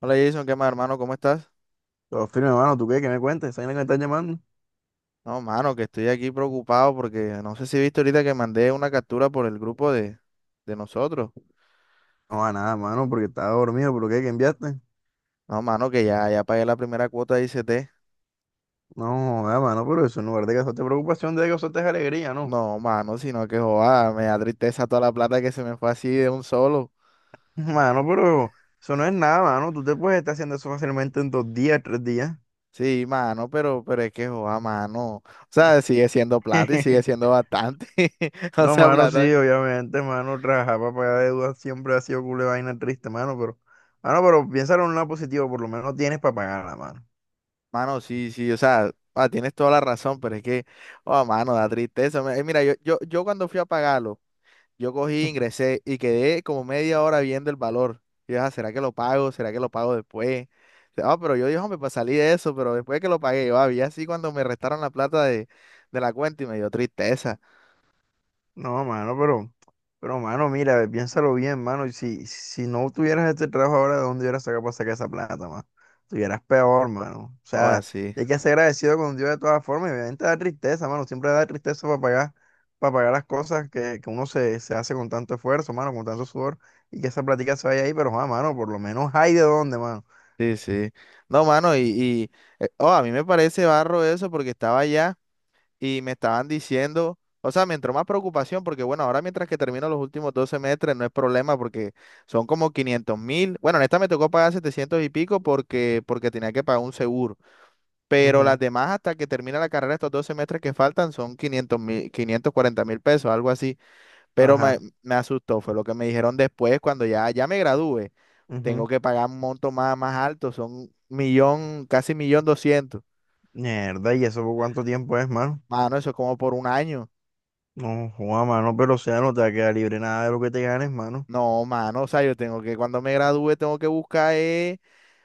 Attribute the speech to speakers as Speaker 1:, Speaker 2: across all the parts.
Speaker 1: Hola Jason, ¿qué más hermano? ¿Cómo estás?
Speaker 2: Todo firme, mano. ¿Tú qué? ¿Qué me cuentes? ¿Sabes a qué me estás llamando?
Speaker 1: No, mano, que estoy aquí preocupado porque no sé si viste ahorita que mandé una captura por el grupo de nosotros.
Speaker 2: No, a nada, mano, porque estaba dormido. ¿Pero qué? ¿Qué enviaste?
Speaker 1: No, mano, que ya pagué la primera cuota de ICT.
Speaker 2: No, joda, mano, pero eso en lugar de causarte preocupación, de causarte alegría, ¿no?
Speaker 1: No, mano, sino que joda, me da tristeza toda la plata que se me fue así de un solo.
Speaker 2: Mano, pero eso no es nada, mano. Tú te puedes estar haciendo eso fácilmente en dos días, tres días.
Speaker 1: Sí, mano, pero es que joda, mano. O sea, sigue siendo plata y sigue siendo bastante. O
Speaker 2: No,
Speaker 1: sea,
Speaker 2: mano, sí,
Speaker 1: plata.
Speaker 2: obviamente, mano. Trabajar para pagar deudas siempre ha sido culo de vaina triste, mano, pero. Mano, pero piénsalo en un lado positivo. Por lo menos tienes para pagarla, mano.
Speaker 1: Mano, sí, sí, o sea, ah, tienes toda la razón, pero es que, oh, mano, da tristeza. Mira, yo cuando fui a pagarlo. Yo cogí, ingresé y quedé como media hora viendo el valor. Y yo, "Ah, ¿será que lo pago? ¿Será que lo pago después? Ah, pero yo dije, hombre, pues salí de eso, pero después que lo pagué, yo había así cuando me restaron la plata de la cuenta y me dio tristeza.
Speaker 2: No, mano, pero. Pero, mano, mira, piénsalo bien, mano. Y si no tuvieras este trabajo ahora, ¿de dónde hubieras sacado para sacar esa plata, mano? Estuvieras peor, mano. O
Speaker 1: Oh,
Speaker 2: sea,
Speaker 1: así.
Speaker 2: y hay que ser agradecido con Dios de todas formas. Y obviamente da tristeza, mano. Siempre da tristeza para pagar las cosas que uno se hace con tanto esfuerzo, mano, con tanto sudor. Y que esa platica se vaya ahí, pero, ah, mano, por lo menos hay de dónde, mano.
Speaker 1: Sí, sí. No, mano, y oh, a mí me parece barro eso porque estaba allá. Y me estaban diciendo, o sea, me entró más preocupación porque, bueno, ahora mientras que termino los últimos 2 semestres no es problema porque son como 500.000. Bueno, en esta me tocó pagar 700 y pico porque tenía que pagar un seguro, pero las
Speaker 2: Ujú.
Speaker 1: demás hasta que termina la carrera, estos 2 semestres que faltan son 500.000, 540.000 pesos, algo así. Pero me,
Speaker 2: Ajá.
Speaker 1: me asustó, fue lo que me dijeron después cuando ya me gradúe. Tengo
Speaker 2: Ujú.
Speaker 1: que pagar un monto más alto, son millón, casi millón doscientos.
Speaker 2: Mierda, ¿y eso por cuánto tiempo es, mano?
Speaker 1: Mano, eso es como por un año.
Speaker 2: No, joda, mano, pero o sea, no te va a quedar libre nada de lo que te ganes, mano.
Speaker 1: No, mano, o sea, yo tengo que, cuando me gradúe, tengo que buscar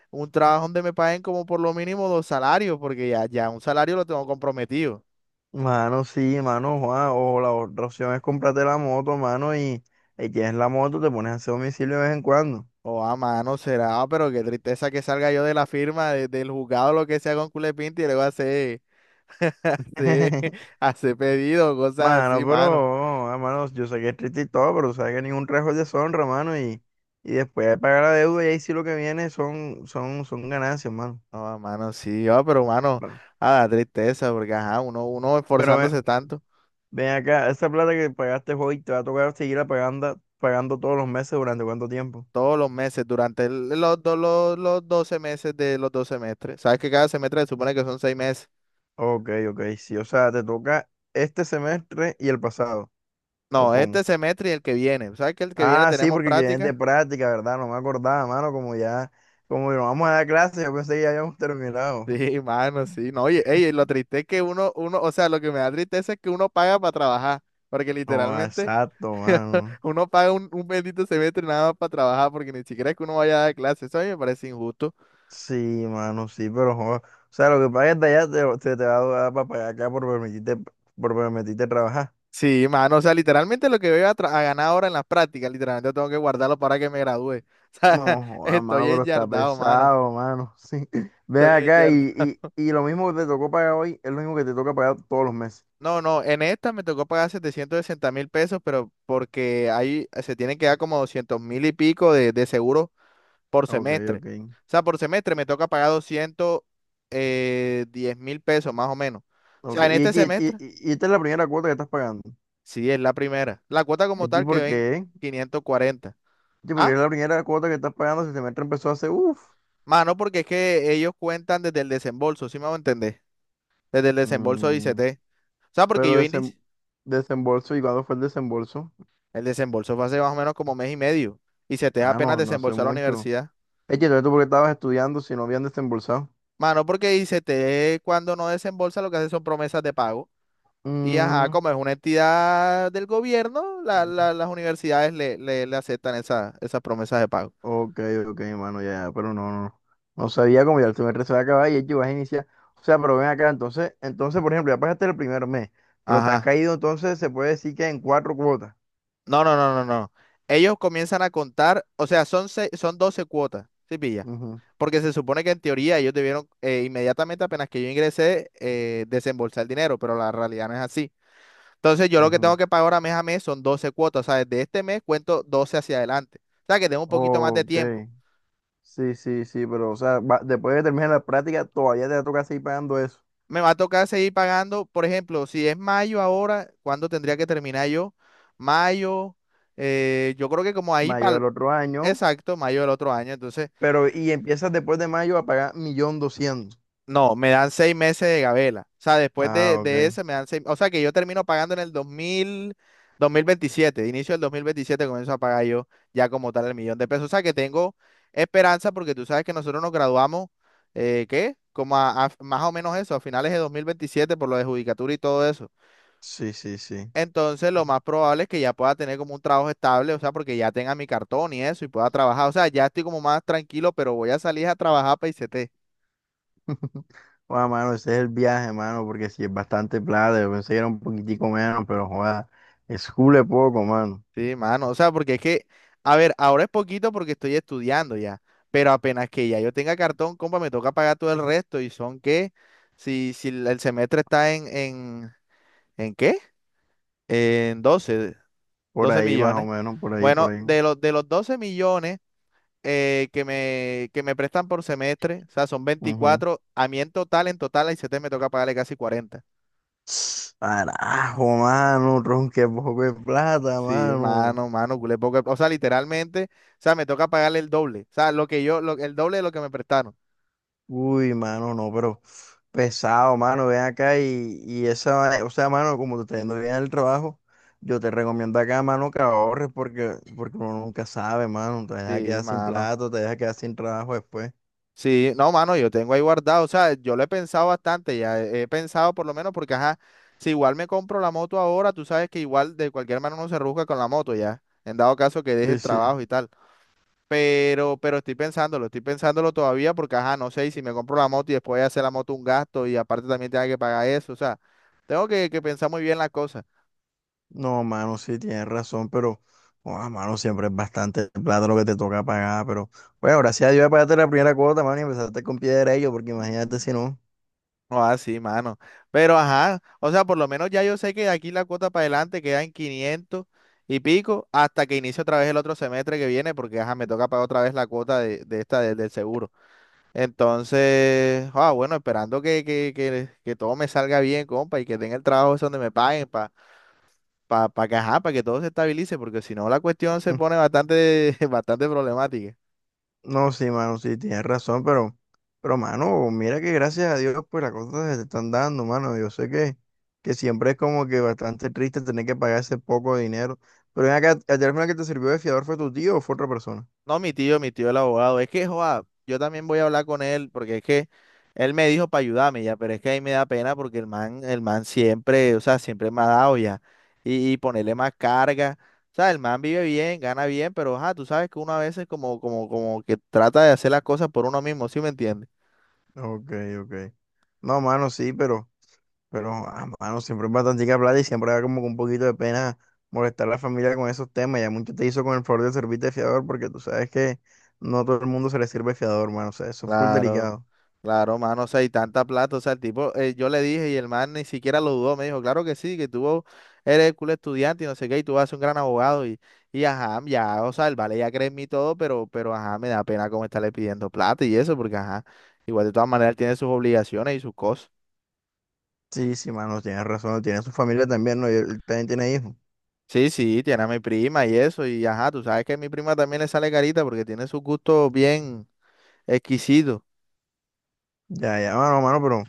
Speaker 1: un trabajo donde me paguen como por lo mínimo 2 salarios, porque ya un salario lo tengo comprometido.
Speaker 2: Mano, sí, mano, Juan, o la otra opción es comprarte la moto, mano, y tienes la moto, te pones a hacer domicilio de vez en cuando.
Speaker 1: O a mano será, pero qué tristeza que salga yo de la firma, del juzgado, lo que sea con culepinti y luego hacer, hacer, hacer pedido, cosas así,
Speaker 2: Mano,
Speaker 1: mano.
Speaker 2: pero, ah, mano, yo sé que es triste y todo, pero sabes que ningún trabajo es deshonra, mano, y después de pagar la deuda, y ahí sí lo que viene son, son ganancias, mano.
Speaker 1: No, a mano, sí, ah, pero mano,
Speaker 2: Bueno,
Speaker 1: a la tristeza, porque ajá, uno
Speaker 2: pero
Speaker 1: esforzándose tanto.
Speaker 2: ven, acá, esa plata que pagaste hoy te va a tocar seguirla pagando, pagando todos los meses durante cuánto tiempo.
Speaker 1: Todos los meses, durante los 12 meses de los 2 semestres. Sabes que cada semestre se supone que son 6 meses.
Speaker 2: Ok, ok, sí, o sea, te toca este semestre y el pasado, ¿o
Speaker 1: No, este
Speaker 2: cómo?
Speaker 1: semestre y el que viene. ¿Sabes que el que viene
Speaker 2: Ah, sí,
Speaker 1: tenemos
Speaker 2: porque es de
Speaker 1: práctica?
Speaker 2: práctica, ¿verdad? No me acordaba, mano, como ya, como no vamos a dar clases, yo pensé que ya habíamos terminado.
Speaker 1: Sí, mano, sí. No, oye, ey, lo triste es que uno, o sea, lo que me da tristeza es que uno paga para trabajar. Porque
Speaker 2: No,
Speaker 1: literalmente
Speaker 2: exacto, mano.
Speaker 1: uno paga un bendito semestre nada más para trabajar, porque ni siquiera es que uno vaya a dar clases. Eso a mí me parece injusto.
Speaker 2: Sí, mano, sí, pero, o sea, lo que pagues de allá te va a dar para pagar acá por permitirte trabajar.
Speaker 1: Sí, mano, o sea, literalmente lo que voy a ganar ahora en las prácticas, literalmente tengo que guardarlo para que me gradúe. O sea,
Speaker 2: No, joda,
Speaker 1: estoy
Speaker 2: mano, pero está
Speaker 1: enyardado, mano.
Speaker 2: pesado, mano, sí. Ven
Speaker 1: Estoy
Speaker 2: acá
Speaker 1: enyardado.
Speaker 2: y lo mismo que te tocó pagar hoy es lo mismo que te toca pagar todos los meses.
Speaker 1: No, no, en esta me tocó pagar 760.000 pesos, pero porque ahí se tienen que dar como 200.000 y pico de, seguro por
Speaker 2: Ok,
Speaker 1: semestre.
Speaker 2: ok.
Speaker 1: O sea, por semestre me toca pagar doscientos diez mil pesos más o menos. O
Speaker 2: Ok,
Speaker 1: sea, en
Speaker 2: y,
Speaker 1: este
Speaker 2: y, y,
Speaker 1: semestre,
Speaker 2: y y esta es la primera cuota que estás pagando.
Speaker 1: sí, es la primera. La cuota como
Speaker 2: ¿Aquí
Speaker 1: tal que
Speaker 2: por
Speaker 1: ven
Speaker 2: qué?
Speaker 1: 540.
Speaker 2: Sí, porque es la primera cuota que estás pagando. Si el semestre empezó hace, uff.
Speaker 1: Mano, porque es que ellos cuentan desde el desembolso, ¿sí me hago entender? Desde el desembolso de
Speaker 2: Mm,
Speaker 1: ICT. O sea, porque
Speaker 2: pero
Speaker 1: yo inicié,
Speaker 2: desembolso, ¿y cuándo fue el desembolso?
Speaker 1: el desembolso fue hace más o menos como mes y medio. ICT
Speaker 2: Ah,
Speaker 1: apenas
Speaker 2: no, no sé
Speaker 1: desembolsó a la
Speaker 2: mucho.
Speaker 1: universidad.
Speaker 2: Es que entonces, tú porque estabas estudiando si no habían desembolsado.
Speaker 1: Mano, porque ICT cuando no desembolsa lo que hace son promesas de pago. Y ajá,
Speaker 2: Mm,
Speaker 1: como es una entidad del gobierno, las universidades le aceptan esas promesas de pago.
Speaker 2: ok, ok, mano, ya, ya, pero no, no. No sabía cómo ya el semestre se va a acabar y es que vas a iniciar. O sea, pero ven acá, entonces, entonces, por ejemplo, ya pasaste el primer mes, pero te has
Speaker 1: Ajá.
Speaker 2: caído, entonces se puede decir que en cuatro cuotas.
Speaker 1: No, no, no, no, no. Ellos comienzan a contar, o sea, son 12 cuotas, ¿sí pilla?
Speaker 2: Ujú,
Speaker 1: Porque se supone que en teoría ellos debieron inmediatamente apenas que yo ingresé desembolsar el dinero, pero la realidad no es así. Entonces yo lo que tengo
Speaker 2: ujú.
Speaker 1: que pagar ahora mes a mes son 12 cuotas, o sea, desde este mes cuento 12 hacia adelante. O sea, que tengo un poquito más de
Speaker 2: Ok.
Speaker 1: tiempo.
Speaker 2: Sí, sí, sí, pero o sea, va- después de terminar la práctica todavía te toca seguir pagando eso,
Speaker 1: Me va a tocar seguir pagando, por ejemplo, si es mayo ahora, ¿cuándo tendría que terminar yo? Mayo, yo creo que como ahí
Speaker 2: mayo
Speaker 1: para
Speaker 2: del otro año,
Speaker 1: exacto, mayo del otro año. Entonces...
Speaker 2: pero y empiezas después de mayo a pagar millón doscientos.
Speaker 1: No, me dan 6 meses de gabela. O sea, después de,
Speaker 2: Ah, ok.
Speaker 1: de ese me dan seis. O sea, que yo termino pagando en el dos mil veintisiete. Inicio del 2027, comienzo a pagar yo ya como tal el millón de pesos. O sea, que tengo esperanza porque tú sabes que nosotros nos graduamos, ¿qué? Como a, más o menos eso, a finales de 2027 por lo de judicatura y todo eso.
Speaker 2: Sí, sí, sí.
Speaker 1: Entonces, lo más probable es que ya pueda tener como un trabajo estable, o sea, porque ya tenga mi cartón y eso y pueda trabajar. O sea, ya estoy como más tranquilo, pero voy a salir a trabajar para ICT.
Speaker 2: Bueno, mano, ese es el viaje, mano, porque si es bastante plata, yo pensé que era un poquitico menos, pero joda, es cule poco, mano.
Speaker 1: Sí, mano, o sea, porque es que, a ver, ahora es poquito porque estoy estudiando ya, pero apenas que ya yo tenga cartón, compa, me toca pagar todo el resto y son que, si el semestre está en, ¿en qué? En doce,
Speaker 2: Por
Speaker 1: doce
Speaker 2: ahí más o
Speaker 1: millones.
Speaker 2: menos, por ahí, por
Speaker 1: Bueno,
Speaker 2: ahí.
Speaker 1: de los 12 millones que me prestan por semestre, o sea, son
Speaker 2: Ujú.
Speaker 1: 24 a mí en total, a te me toca pagarle casi 40.
Speaker 2: Carajo, mano, tron, qué poco de plata,
Speaker 1: Sí,
Speaker 2: mano.
Speaker 1: mano, mano, culé poco. O sea, literalmente, o sea, me toca pagarle el doble, o sea, lo que yo, el doble de lo que me prestaron.
Speaker 2: Uy, mano, no, pero pesado, mano, ven acá y esa, va- o sea, mano, como te está yendo bien en el trabajo, yo te recomiendo acá, mano, que ahorres porque, uno nunca sabe, mano, te deja
Speaker 1: Sí,
Speaker 2: quedar sin
Speaker 1: mano.
Speaker 2: plato, te deja quedar sin trabajo después.
Speaker 1: Sí, no, mano, yo tengo ahí guardado. O sea, yo lo he pensado bastante, ya he pensado por lo menos porque, ajá, si igual me compro la moto ahora, tú sabes que igual de cualquier manera uno se rusca con la moto, ya, en dado caso que deje
Speaker 2: Sí,
Speaker 1: el
Speaker 2: sí.
Speaker 1: trabajo y tal. Pero estoy pensándolo todavía porque, ajá, no sé, y si me compro la moto y después voy a hacer la moto un gasto y aparte también tenga que pagar eso, o sea, tengo que pensar muy bien la cosa.
Speaker 2: No, mano, sí, tienes razón, pero, oh, mano, siempre es bastante plata lo que te toca pagar, pero, bueno, gracias a Dios ya pagaste la primera cuota, mano, y empezaste con pie derecho, porque imagínate si no.
Speaker 1: No, así, mano. Pero ajá, o sea, por lo menos ya yo sé que de aquí la cuota para adelante queda en 500 y pico hasta que inicie otra vez el otro semestre que viene, porque ajá, me toca pagar otra vez la cuota de esta del seguro. Entonces, ah, bueno, esperando que todo me salga bien, compa, y que tenga el trabajo ese donde me paguen para para que todo se estabilice, porque si no la cuestión se pone bastante, bastante problemática.
Speaker 2: No, sí, mano, sí, tienes razón, pero, mano, mira que gracias a Dios, pues las cosas se te están dando, mano. Yo sé que siempre es como que bastante triste tener que pagar ese poco de dinero. Pero ven acá, ¿el teléfono que te sirvió de fiador fue tu tío o fue otra persona?
Speaker 1: No, mi tío el abogado. Es que, joa, yo también voy a hablar con él porque es que él me dijo para ayudarme ya, pero es que ahí me da pena porque el man siempre, o sea, siempre me ha dado ya. Y ponerle más carga. O sea, el man vive bien, gana bien, pero, ajá, tú sabes que uno a veces como que trata de hacer las cosas por uno mismo, ¿sí me entiendes?
Speaker 2: Ok, ok. No, mano, sí, pero, ah, mano, siempre es bastante plata y siempre da como que un poquito de pena molestar a la familia con esos temas. Ya mucho te hizo con el favor de servirte de fiador porque tú sabes que no a todo el mundo se le sirve fiador, mano. O sea, eso es full
Speaker 1: Claro.
Speaker 2: delicado.
Speaker 1: Claro, mano, o sea, y tanta plata, o sea, el tipo, yo le dije y el man ni siquiera lo dudó, me dijo, claro que sí, que tú eres cool estudiante y no sé qué, y tú vas a ser un gran abogado, y ajá, ya, o sea, el vale ya cree en mí y todo, pero ajá, me da pena como estarle pidiendo plata y eso, porque ajá, igual de todas maneras él tiene sus obligaciones y sus cosas.
Speaker 2: Sí, sí, mano, tienes razón, tiene su familia también, ¿no? Y él también tiene hijos.
Speaker 1: Sí, sí, tiene a mi prima y eso, y ajá, tú sabes que a mi prima también le sale carita porque tiene sus gustos bien exquisitos.
Speaker 2: Ya, ya, mano, mano,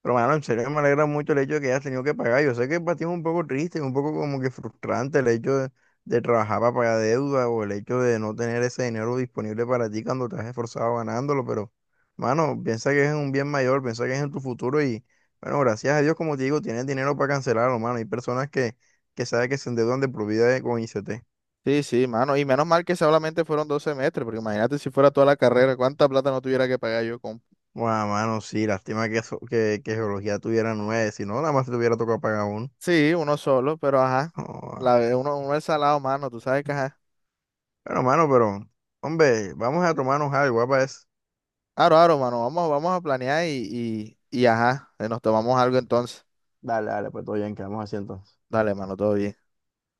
Speaker 2: pero, mano, en serio me alegra mucho el hecho de que hayas tenido que pagar. Yo sé que para ti es un poco triste, un poco como que frustrante el hecho de trabajar para pagar deuda o el hecho de no tener ese dinero disponible para ti cuando te has esforzado ganándolo, pero, mano, piensa que es un bien mayor, piensa que es en tu futuro y, bueno, gracias a Dios, como te digo, tienes dinero para cancelarlo, mano. Hay personas que saben que se endeudan de por vida con ICT.
Speaker 1: Sí, sí, mano, y menos mal que solamente fueron dos semestres, porque imagínate si fuera toda la carrera, cuánta plata no tuviera que pagar yo, compa.
Speaker 2: Bueno, mano, sí, lástima que, que geología tuviera nueve, si no, nada más te tuviera tocado pagar uno.
Speaker 1: Sí, uno solo, pero ajá.
Speaker 2: Joda.
Speaker 1: Uno es salado, mano, tú sabes que ajá.
Speaker 2: Bueno, mano, pero, hombre, vamos a tomarnos algo, ¿va? ¿Pa' eso?
Speaker 1: Aro, aro, mano, vamos, vamos a planear y ajá, nos tomamos algo entonces.
Speaker 2: Dale, dale, pues todo bien, quedamos así entonces.
Speaker 1: Dale, mano, todo bien.